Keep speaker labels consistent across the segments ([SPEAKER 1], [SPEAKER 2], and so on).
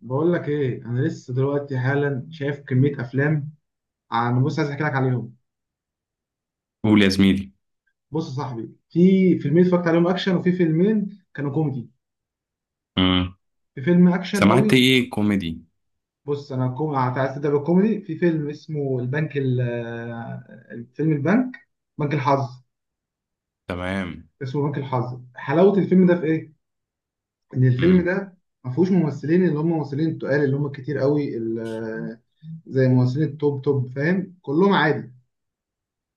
[SPEAKER 1] بقول لك ايه؟ انا لسه دلوقتي حالا شايف كميه افلام. انا بص عايز احكي لك عليهم.
[SPEAKER 2] قول يا زميلي.
[SPEAKER 1] بص يا صاحبي، في فيلمين اتفرجت عليهم اكشن، وفي فيلمين كانوا كوميدي.
[SPEAKER 2] امم.
[SPEAKER 1] في فيلم اكشن
[SPEAKER 2] سمعت
[SPEAKER 1] قوي.
[SPEAKER 2] ايه كوميدي؟
[SPEAKER 1] عايز تبدا بالكوميدي. في فيلم اسمه البنك ال... آه، فيلم البنك، بنك الحظ.
[SPEAKER 2] تمام.
[SPEAKER 1] اسمه بنك الحظ. حلاوه الفيلم ده في ايه؟ ان الفيلم
[SPEAKER 2] امم.
[SPEAKER 1] ده ما فيهوش ممثلين اللي هم ممثلين التقال اللي هم كتير قوي، زي ممثلين التوب توب، فاهم. كلهم عادي،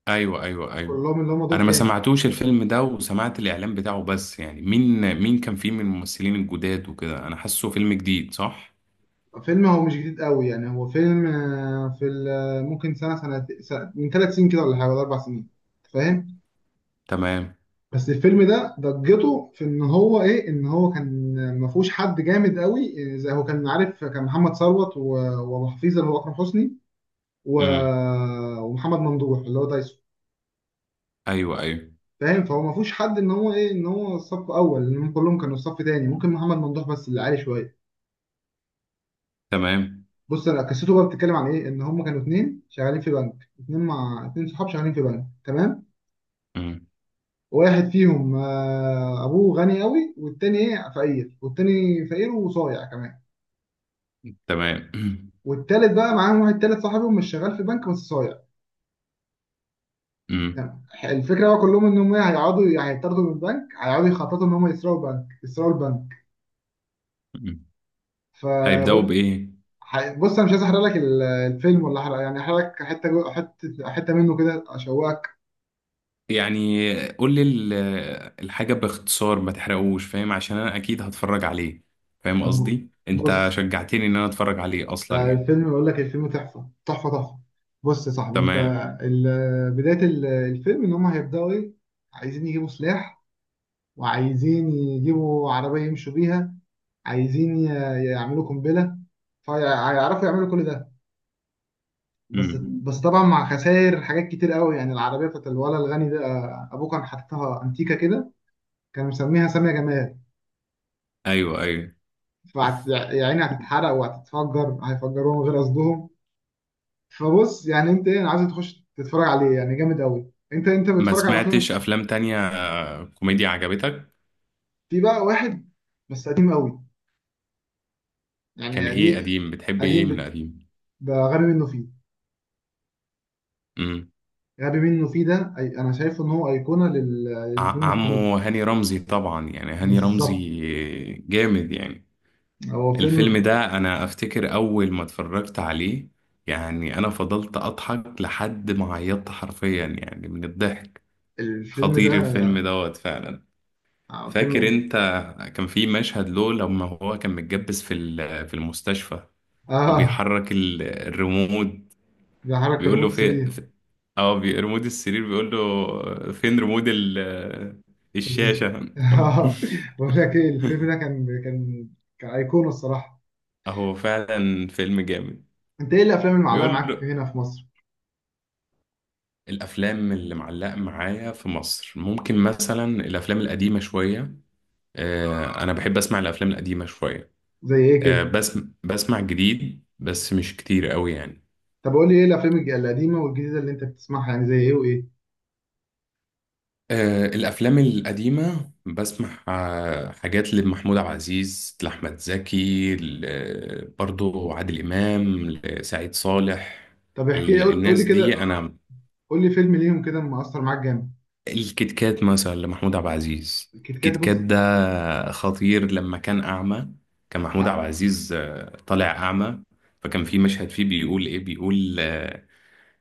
[SPEAKER 2] ايوه، ايوه، ايوه.
[SPEAKER 1] كلهم اللي هم دور
[SPEAKER 2] انا ما
[SPEAKER 1] تاني.
[SPEAKER 2] سمعتوش الفيلم ده وسمعت الاعلان بتاعه، بس يعني مين كان فيه من الممثلين الجداد وكده؟ انا حاسه فيلم جديد، صح؟
[SPEAKER 1] فيلم هو مش جديد قوي، يعني هو فيلم آه، في ال- آه، ممكن من 3 سنين كده، ولا حاجة، ولا 4 سنين، فاهم.
[SPEAKER 2] تمام.
[SPEAKER 1] بس الفيلم ده ضجته في ان هو ايه؟ ان هو كان ما فيهوش حد جامد قوي، زي هو كان عارف. كان محمد ثروت وابو حفيظه اللي هو اكرم حسني،
[SPEAKER 2] امم.
[SPEAKER 1] ومحمد ممدوح اللي هو دايسون،
[SPEAKER 2] ايوه، ايوه.
[SPEAKER 1] فاهم. فهو ما فيهوش حد ان هو ايه، ان هو صف اول، لان هم كلهم كانوا صف تاني، ممكن محمد ممدوح بس اللي عالي شويه.
[SPEAKER 2] تمام.
[SPEAKER 1] بص انا قصته بقى بتتكلم عن ايه؟ ان هم كانوا اتنين شغالين في بنك، اتنين مع اتنين صحاب شغالين في بنك، تمام.
[SPEAKER 2] امم.
[SPEAKER 1] واحد فيهم، ابوه غني قوي، والتاني ايه، فقير، والتاني فقير وصايع كمان.
[SPEAKER 2] تمام.
[SPEAKER 1] والتالت بقى معاهم، واحد تالت صاحبهم مش شغال في بنك بس صايع،
[SPEAKER 2] امم.
[SPEAKER 1] تمام. الفكره بقى كلهم ان هم إيه، هيقعدوا، هيطردوا من البنك، هيقعدوا يخططوا ان هم يسرقوا البنك، يسرقوا البنك.
[SPEAKER 2] أمم.
[SPEAKER 1] ف
[SPEAKER 2] هيبداوا بايه؟
[SPEAKER 1] بص انا مش عايز احرق لك الفيلم، ولا احرق، يعني احرق لك حته جو- حته حته منه كده اشوقك.
[SPEAKER 2] يعني قول لي الحاجه باختصار، ما تحرقوش، فاهم؟ عشان انا اكيد هتفرج عليه. فاهم
[SPEAKER 1] طب
[SPEAKER 2] قصدي؟ انت
[SPEAKER 1] بص،
[SPEAKER 2] شجعتني ان انا اتفرج عليه اصلا، يعني.
[SPEAKER 1] الفيلم، بقول لك الفيلم تحفة تحفة تحفة. بص يا صاحبي انت،
[SPEAKER 2] تمام.
[SPEAKER 1] بداية الفيلم ان هم هيبدأوا ايه؟ عايزين يجيبوا سلاح، وعايزين يجيبوا عربية يمشوا بيها، عايزين ي- يعملوا قنبلة. فيعرفوا يعملوا كل ده، بس
[SPEAKER 2] امم.
[SPEAKER 1] بس طبعا مع خسائر حاجات كتير قوي. يعني العربية بتاعت الولد الغني ده، ابوه كان حاططها انتيكة كده، كان مسميها سامية جمال.
[SPEAKER 2] ايوه، ايوه.
[SPEAKER 1] فيعني هتتحرق وهتتفجر، هيفجروها من غير قصدهم. فبص، يعني انت ايه، انا عايز تخش تتفرج عليه، يعني جامد قوي. انت
[SPEAKER 2] ما
[SPEAKER 1] بتتفرج على فيلم.
[SPEAKER 2] سمعتش افلام تانية، كوميديا عجبتك؟
[SPEAKER 1] في بقى واحد، بس قديم قوي،
[SPEAKER 2] كان
[SPEAKER 1] يعني
[SPEAKER 2] ايه
[SPEAKER 1] قديم.
[SPEAKER 2] قديم؟ بتحب ايه
[SPEAKER 1] قديم
[SPEAKER 2] من
[SPEAKER 1] ب-
[SPEAKER 2] القديم؟
[SPEAKER 1] بقى غبي منه فيه.
[SPEAKER 2] امم.
[SPEAKER 1] غبي منه فيه ده، انا شايفه ان هو ايقونه للفيلم الكوميدي.
[SPEAKER 2] عمو هاني رمزي طبعا، يعني هاني رمزي.
[SPEAKER 1] بالظبط.
[SPEAKER 2] جامد يعني.
[SPEAKER 1] هو
[SPEAKER 2] الفيلم
[SPEAKER 1] فيلم،
[SPEAKER 2] ده انا افتكر اول ما اتفرجت عليه، يعني انا فضلت اضحك لحد ما عيطت حرفيا، يعني من الضحك.
[SPEAKER 1] الفيلم
[SPEAKER 2] خطير
[SPEAKER 1] ده
[SPEAKER 2] الفيلم دوت فعلا. فاكر
[SPEAKER 1] فيلم.
[SPEAKER 2] انت؟ كان في مشهد له لما هو كان متجبس في المستشفى،
[SPEAKER 1] اه،
[SPEAKER 2] وبيحرك الريموت.
[SPEAKER 1] ده حركة
[SPEAKER 2] بيقول له
[SPEAKER 1] ريموت
[SPEAKER 2] فين
[SPEAKER 1] 3،
[SPEAKER 2] ريموت السرير. بيقول له فين ريموت
[SPEAKER 1] تلفزيون
[SPEAKER 2] الشاشة، طب.
[SPEAKER 1] اه. بقول لك ايه، الفيلم ده كان ايقونه الصراحه.
[SPEAKER 2] هو فعلا فيلم جامد.
[SPEAKER 1] انت ايه الافلام اللي معلقه
[SPEAKER 2] بيقول
[SPEAKER 1] معاك
[SPEAKER 2] له.
[SPEAKER 1] هنا في مصر؟
[SPEAKER 2] الأفلام اللي معلقة معايا في مصر ممكن مثلا الأفلام القديمة شوية. أنا بحب أسمع الأفلام القديمة شوية.
[SPEAKER 1] زي ايه كده؟
[SPEAKER 2] بس، بسمع جديد بس مش كتير قوي، يعني.
[SPEAKER 1] طب قول لي ايه الافلام القديمه والجديده اللي انت بتسمعها، يعني زي ايه وايه؟
[SPEAKER 2] الأفلام القديمة بسمع، حاجات لمحمود عبد العزيز، لأحمد زكي، برضو عادل إمام، لسعيد صالح.
[SPEAKER 1] طب احكي لي، قول لي
[SPEAKER 2] الناس دي
[SPEAKER 1] كده،
[SPEAKER 2] أنا.
[SPEAKER 1] قول لي فيلم ليهم كده مأثر معاك جامد.
[SPEAKER 2] الكيت كات مثلا لمحمود عبد العزيز.
[SPEAKER 1] الكيت كات،
[SPEAKER 2] الكيت كات
[SPEAKER 1] بص،
[SPEAKER 2] ده خطير لما كان أعمى. كان محمود
[SPEAKER 1] ع-
[SPEAKER 2] عبد العزيز طالع أعمى. فكان في مشهد فيه، بيقول إيه، بيقول، آه،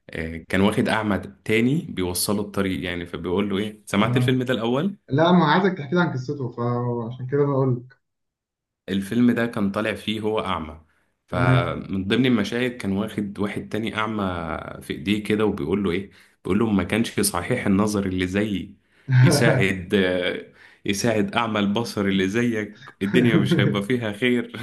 [SPEAKER 2] آه، كان واخد أعمى تاني بيوصله الطريق، يعني. فبيقول له إيه، سمعت
[SPEAKER 1] آه.
[SPEAKER 2] الفيلم ده الأول؟
[SPEAKER 1] لا، ما عايزك تحكي لي عن قصته، فعشان كده بقول لك.
[SPEAKER 2] الفيلم ده كان طالع فيه هو أعمى.
[SPEAKER 1] تمام.
[SPEAKER 2] فمن ضمن المشاهد كان واخد واحد تاني أعمى، في إيديه كده، وبيقول له إيه. بيقول له: ما كانش صحيح النظر اللي زيي يساعد يساعد أعمى البصر اللي زيك، الدنيا مش هيبقى فيها خير.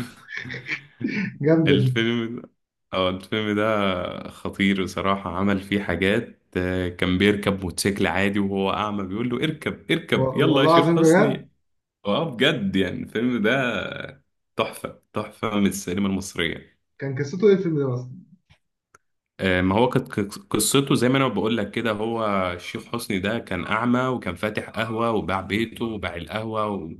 [SPEAKER 1] جامده دي.
[SPEAKER 2] الفيلم ده، اه، الفيلم ده خطير بصراحة. عمل فيه حاجات، كان بيركب موتوسيكل عادي وهو أعمى، بيقول له اركب
[SPEAKER 1] و-
[SPEAKER 2] اركب، يلا يا
[SPEAKER 1] والله
[SPEAKER 2] شيخ
[SPEAKER 1] العظيم بجد.
[SPEAKER 2] حسني. اه، بجد يعني الفيلم ده تحفة تحفة من السينما المصرية.
[SPEAKER 1] كان قصته ايه الفيلم ده اصلا؟
[SPEAKER 2] ما هو كانت قصته زي ما انا بقول لك كده، هو الشيخ حسني ده كان اعمى، وكان فاتح قهوة، وباع بيته وباع القهوة و-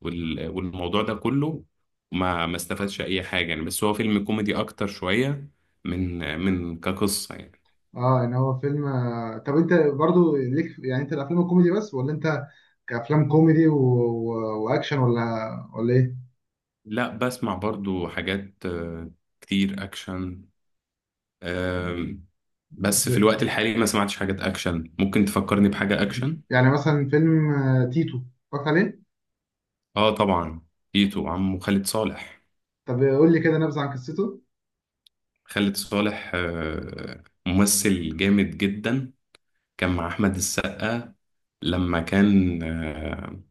[SPEAKER 2] وال- والموضوع ده كله. ما استفادش اي حاجة، يعني بس هو فيلم كوميدي اكتر شوية من كقصة، يعني.
[SPEAKER 1] اه، ان هو فيلم. طب انت برضو ليك، يعني انت الافلام الكوميدي بس، ولا انت كأفلام كوميدي واكشن، ولا ايه؟
[SPEAKER 2] لا، بسمع برضو حاجات، كتير اكشن. آم، بس في
[SPEAKER 1] زي-
[SPEAKER 2] الوقت الحالي ما سمعتش حاجات اكشن. ممكن تفكرني بحاجة اكشن؟
[SPEAKER 1] يعني مثلا فيلم تيتو، اتفرجت عليه.
[SPEAKER 2] اه، طبعا. تيتو، عمه خالد صالح.
[SPEAKER 1] طب قول لي كده نبذة عن قصته.
[SPEAKER 2] خالد صالح ممثل جامد جدا. كان مع احمد السقا، لما كان،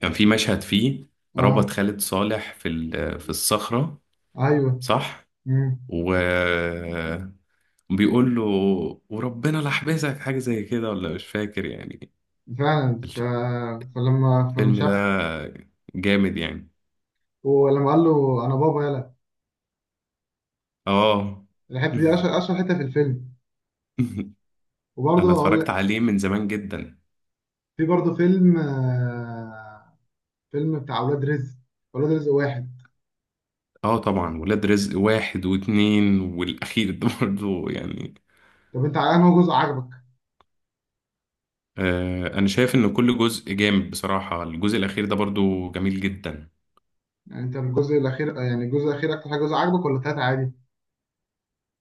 [SPEAKER 2] كان في مشهد فيه،
[SPEAKER 1] اه.
[SPEAKER 2] ربط خالد صالح في الصخرة.
[SPEAKER 1] ايوه.
[SPEAKER 2] صح؟
[SPEAKER 1] مم.
[SPEAKER 2] وبيقول له، وربنا لحبسك حاجة زي كده، ولا مش فاكر، يعني.
[SPEAKER 1] فعلا، فلما
[SPEAKER 2] الفيلم
[SPEAKER 1] شاف،
[SPEAKER 2] ده جامد يعني.
[SPEAKER 1] ولما قال له انا بابا يلا،
[SPEAKER 2] اه.
[SPEAKER 1] الحته دي اشهر اشهر حته في الفيلم. وبرضه
[SPEAKER 2] انا
[SPEAKER 1] اقول
[SPEAKER 2] اتفرجت
[SPEAKER 1] لك،
[SPEAKER 2] عليه من زمان جدا.
[SPEAKER 1] في برضه فيلم فيلم بتاع اولاد رزق، اولاد رزق واحد.
[SPEAKER 2] اه طبعا، ولاد رزق واحد واتنين والاخير ده برضو، يعني.
[SPEAKER 1] طب انت على انه جزء عجبك؟
[SPEAKER 2] انا شايف ان كل جزء جامد بصراحة. الجزء الاخير ده برضو جميل جدا.
[SPEAKER 1] يعني انت الجزء الاخير، يعني الجزء الاخير اكتر حاجه جزء عجبك، ولا التلاته عادي؟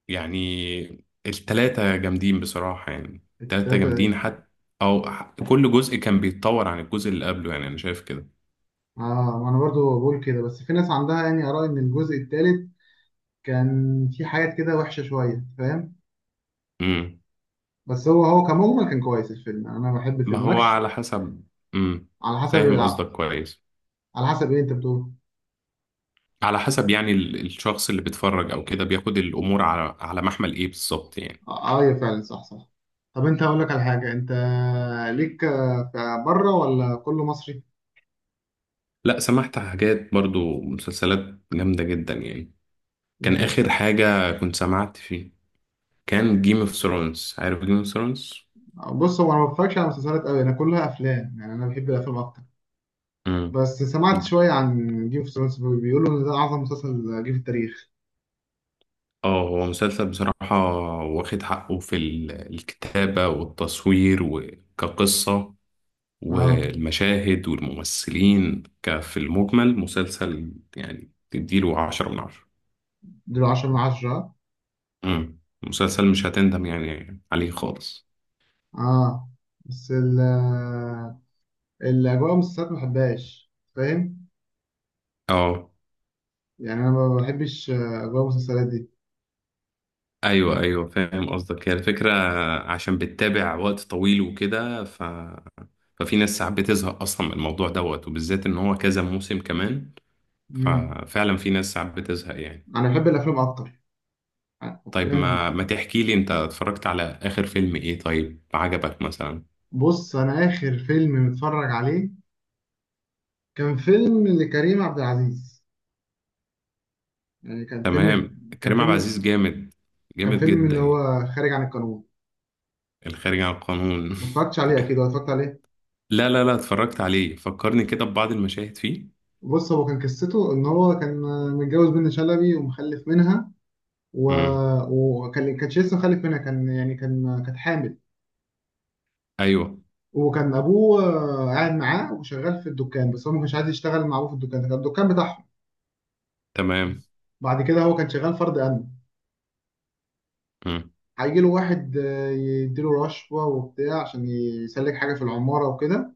[SPEAKER 2] يعني، التلاتة جامدين بصراحة، يعني التلاتة
[SPEAKER 1] التلاته.
[SPEAKER 2] جامدين حتى. او، كل جزء كان بيتطور عن الجزء اللي قبله، يعني انا شايف كده.
[SPEAKER 1] اه، ما انا برضه بقول كده، بس في ناس عندها يعني اراء ان الجزء التالت كان في حاجات كده وحشه شويه، فاهم.
[SPEAKER 2] امم.
[SPEAKER 1] بس هو كمجمل كان كويس الفيلم، يعني انا بحب
[SPEAKER 2] ما
[SPEAKER 1] الفيلم
[SPEAKER 2] هو
[SPEAKER 1] ماكش.
[SPEAKER 2] على حسب. امم.
[SPEAKER 1] على حسب.
[SPEAKER 2] فاهم قصدك كويس.
[SPEAKER 1] على حسب ايه انت بتقول؟
[SPEAKER 2] على حسب، يعني الشخص اللي بيتفرج او كده بياخد الامور على محمل ايه بالظبط، يعني.
[SPEAKER 1] اه، فعلا، صح صح. طب انت، اقول لك على حاجه، انت ليك في بره ولا كله مصري؟
[SPEAKER 2] لا، سمعت حاجات برضو، مسلسلات جامدة جدا يعني. كان آخر
[SPEAKER 1] المسلسل،
[SPEAKER 2] حاجة كنت سمعت فيه كان جيم اوف ثرونز. عارف جيم اوف ثرونز؟
[SPEAKER 1] بص هو انا ما بتفرجش على مسلسلات قوي، انا كلها افلام، يعني انا بحب الافلام اكتر.
[SPEAKER 2] امم.
[SPEAKER 1] بس سمعت شويه عن جيم اوف ثرونز، بيقولوا ان ده اعظم مسلسل جه في التاريخ.
[SPEAKER 2] اه، هو مسلسل بصراحة، واخد حقه الكتابة والتصوير وكقصة،
[SPEAKER 1] اه،
[SPEAKER 2] والمشاهد والممثلين، في المجمل مسلسل يعني تديله 10 من 10.
[SPEAKER 1] دول 10 من 10.
[SPEAKER 2] مسلسل مش هتندم يعني عليه خالص.
[SPEAKER 1] اه بس الاجواء المسلسلات ما بحبهاش، فاهم.
[SPEAKER 2] اه،
[SPEAKER 1] يعني انا ما بحبش اجواء المسلسلات دي.
[SPEAKER 2] ايوه، ايوه فاهم قصدك، هي الفكره، عشان بتتابع وقت طويل وكده، ففي ناس ساعات بتزهق اصلا من الموضوع دوت، وبالذات ان هو كذا موسم كمان.
[SPEAKER 1] امم
[SPEAKER 2] ففعلا في ناس ساعات بتزهق يعني.
[SPEAKER 1] انا بحب الافلام اكتر،
[SPEAKER 2] طيب،
[SPEAKER 1] الافلام دي.
[SPEAKER 2] ما تحكي لي، انت اتفرجت على اخر فيلم ايه طيب، عجبك مثلا؟
[SPEAKER 1] بص انا اخر فيلم متفرج عليه كان فيلم لكريم عبد العزيز، يعني كان فيلم،
[SPEAKER 2] تمام،
[SPEAKER 1] كان
[SPEAKER 2] كريم عبد
[SPEAKER 1] فيلم،
[SPEAKER 2] العزيز جامد،
[SPEAKER 1] كان
[SPEAKER 2] جامد
[SPEAKER 1] فيلم
[SPEAKER 2] جدا
[SPEAKER 1] اللي
[SPEAKER 2] يعني.
[SPEAKER 1] هو خارج عن القانون.
[SPEAKER 2] الخارج عن القانون.
[SPEAKER 1] ما اتفرجتش عليه اكيد، ولا اتفرجت عليه؟
[SPEAKER 2] لا، لا، لا، اتفرجت عليه، فكرني كده ببعض المشاهد فيه.
[SPEAKER 1] بص هو كان قصته ان هو كان متجوز بنت شلبي ومخلف منها، و...
[SPEAKER 2] امم.
[SPEAKER 1] وكان كانش لسه مخلف منها، كان يعني كانت حامل.
[SPEAKER 2] ايوه.
[SPEAKER 1] وكان ابوه قاعد معاه وشغال في الدكان، بس هو ما كانش عايز يشتغل مع ابوه في الدكان ده، كان الدكان بتاعهم.
[SPEAKER 2] تمام.
[SPEAKER 1] بعد كده هو كان شغال فرد امن.
[SPEAKER 2] امم.
[SPEAKER 1] هيجي له واحد، يديله رشوه وبتاع عشان يسلك حاجه في العماره وكده،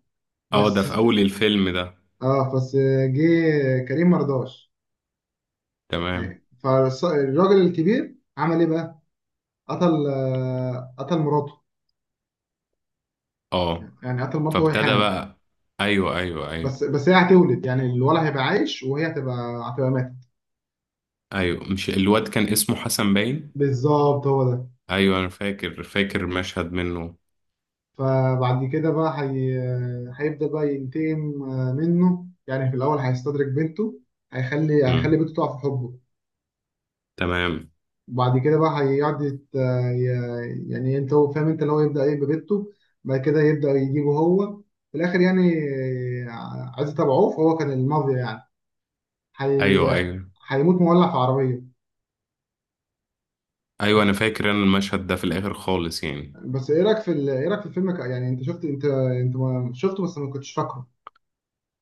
[SPEAKER 2] اه، ده
[SPEAKER 1] بس.
[SPEAKER 2] في اول الفيلم ده.
[SPEAKER 1] اه بس، جه كريم مرضاش.
[SPEAKER 2] تمام.
[SPEAKER 1] يعني فالراجل الكبير عمل ايه بقى؟ قتل مراته،
[SPEAKER 2] اه،
[SPEAKER 1] يعني قتل مراته وهي
[SPEAKER 2] فابتدى
[SPEAKER 1] حامل.
[SPEAKER 2] بقى. ايوه، ايوه، ايوه.
[SPEAKER 1] بس هي هتولد، يعني الولد هيبقى عايش، وهي هتبقى ماتت.
[SPEAKER 2] ايوه، مش الواد كان اسمه حسن، باين.
[SPEAKER 1] بالظبط هو ده.
[SPEAKER 2] ايوه، انا فاكر فاكر مشهد منه.
[SPEAKER 1] فبعد كده بقى هي... آه، هيبدأ بقى ينتقم منه، يعني في الأول هيستدرك بنته، هيخلي
[SPEAKER 2] مم.
[SPEAKER 1] هيخلي بنته تقع في حبه.
[SPEAKER 2] تمام.
[SPEAKER 1] وبعد كده بقى هيقعد يعني انت هو فاهم، انت اللي هو يبدأ ايه، ببيته، بعد كده يبدأ يجيبه هو في الاخر يعني. عايز تبعوه، فهو كان المافيا، يعني
[SPEAKER 2] ايوه،
[SPEAKER 1] هي...
[SPEAKER 2] ايوه،
[SPEAKER 1] هيموت مولع في عربية.
[SPEAKER 2] ايوه. انا فاكر. انا المشهد ده في الاخر خالص يعني.
[SPEAKER 1] بس ايه رأيك في الفيلم يعني انت شفت؟ انت ما شفته بس ما كنتش فاكره.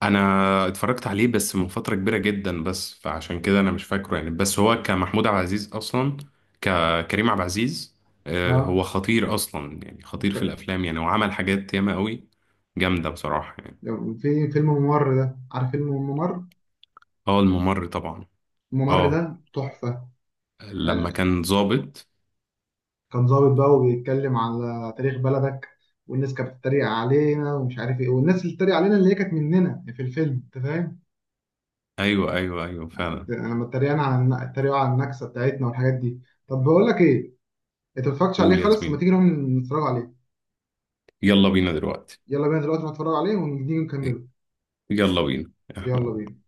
[SPEAKER 2] انا اتفرجت عليه بس من فتره كبيره جدا، بس فعشان كده انا مش فاكره يعني، بس هو كمحمود عبد العزيز اصلا، ككريم عبد العزيز.
[SPEAKER 1] اه،
[SPEAKER 2] هو خطير اصلا يعني، خطير في
[SPEAKER 1] كان-
[SPEAKER 2] الافلام يعني، وعمل حاجات ياما قوي. جامده بصراحه يعني.
[SPEAKER 1] في فيلم ممر، ده عارف فيلم ممر؟
[SPEAKER 2] اه، الممر طبعا.
[SPEAKER 1] ممر
[SPEAKER 2] اه،
[SPEAKER 1] ده تحفة،
[SPEAKER 2] لما
[SPEAKER 1] يعني.
[SPEAKER 2] كان ظابط.
[SPEAKER 1] كان ظابط بقى وبيتكلم على تاريخ بلدك، والناس كانت بتتريق علينا ومش عارف ايه، والناس اللي بتتريق علينا اللي هي كانت مننا في الفيلم، انت فاهم.
[SPEAKER 2] ايوه، ايوه، ايوه، فعلا.
[SPEAKER 1] يعني لما اتريقوا على النكسه بتاعتنا والحاجات دي. طب بقول لك ايه، انت ما اتفرجتش
[SPEAKER 2] قول
[SPEAKER 1] عليه
[SPEAKER 2] يا
[SPEAKER 1] خالص، ما
[SPEAKER 2] زميلي.
[SPEAKER 1] تيجي نروح نتفرج عليه؟
[SPEAKER 2] يلا بينا دلوقتي.
[SPEAKER 1] يلا بينا دلوقتي نتفرج عليه، ونيجي نكمله.
[SPEAKER 2] يلا بينا.
[SPEAKER 1] يلا بينا.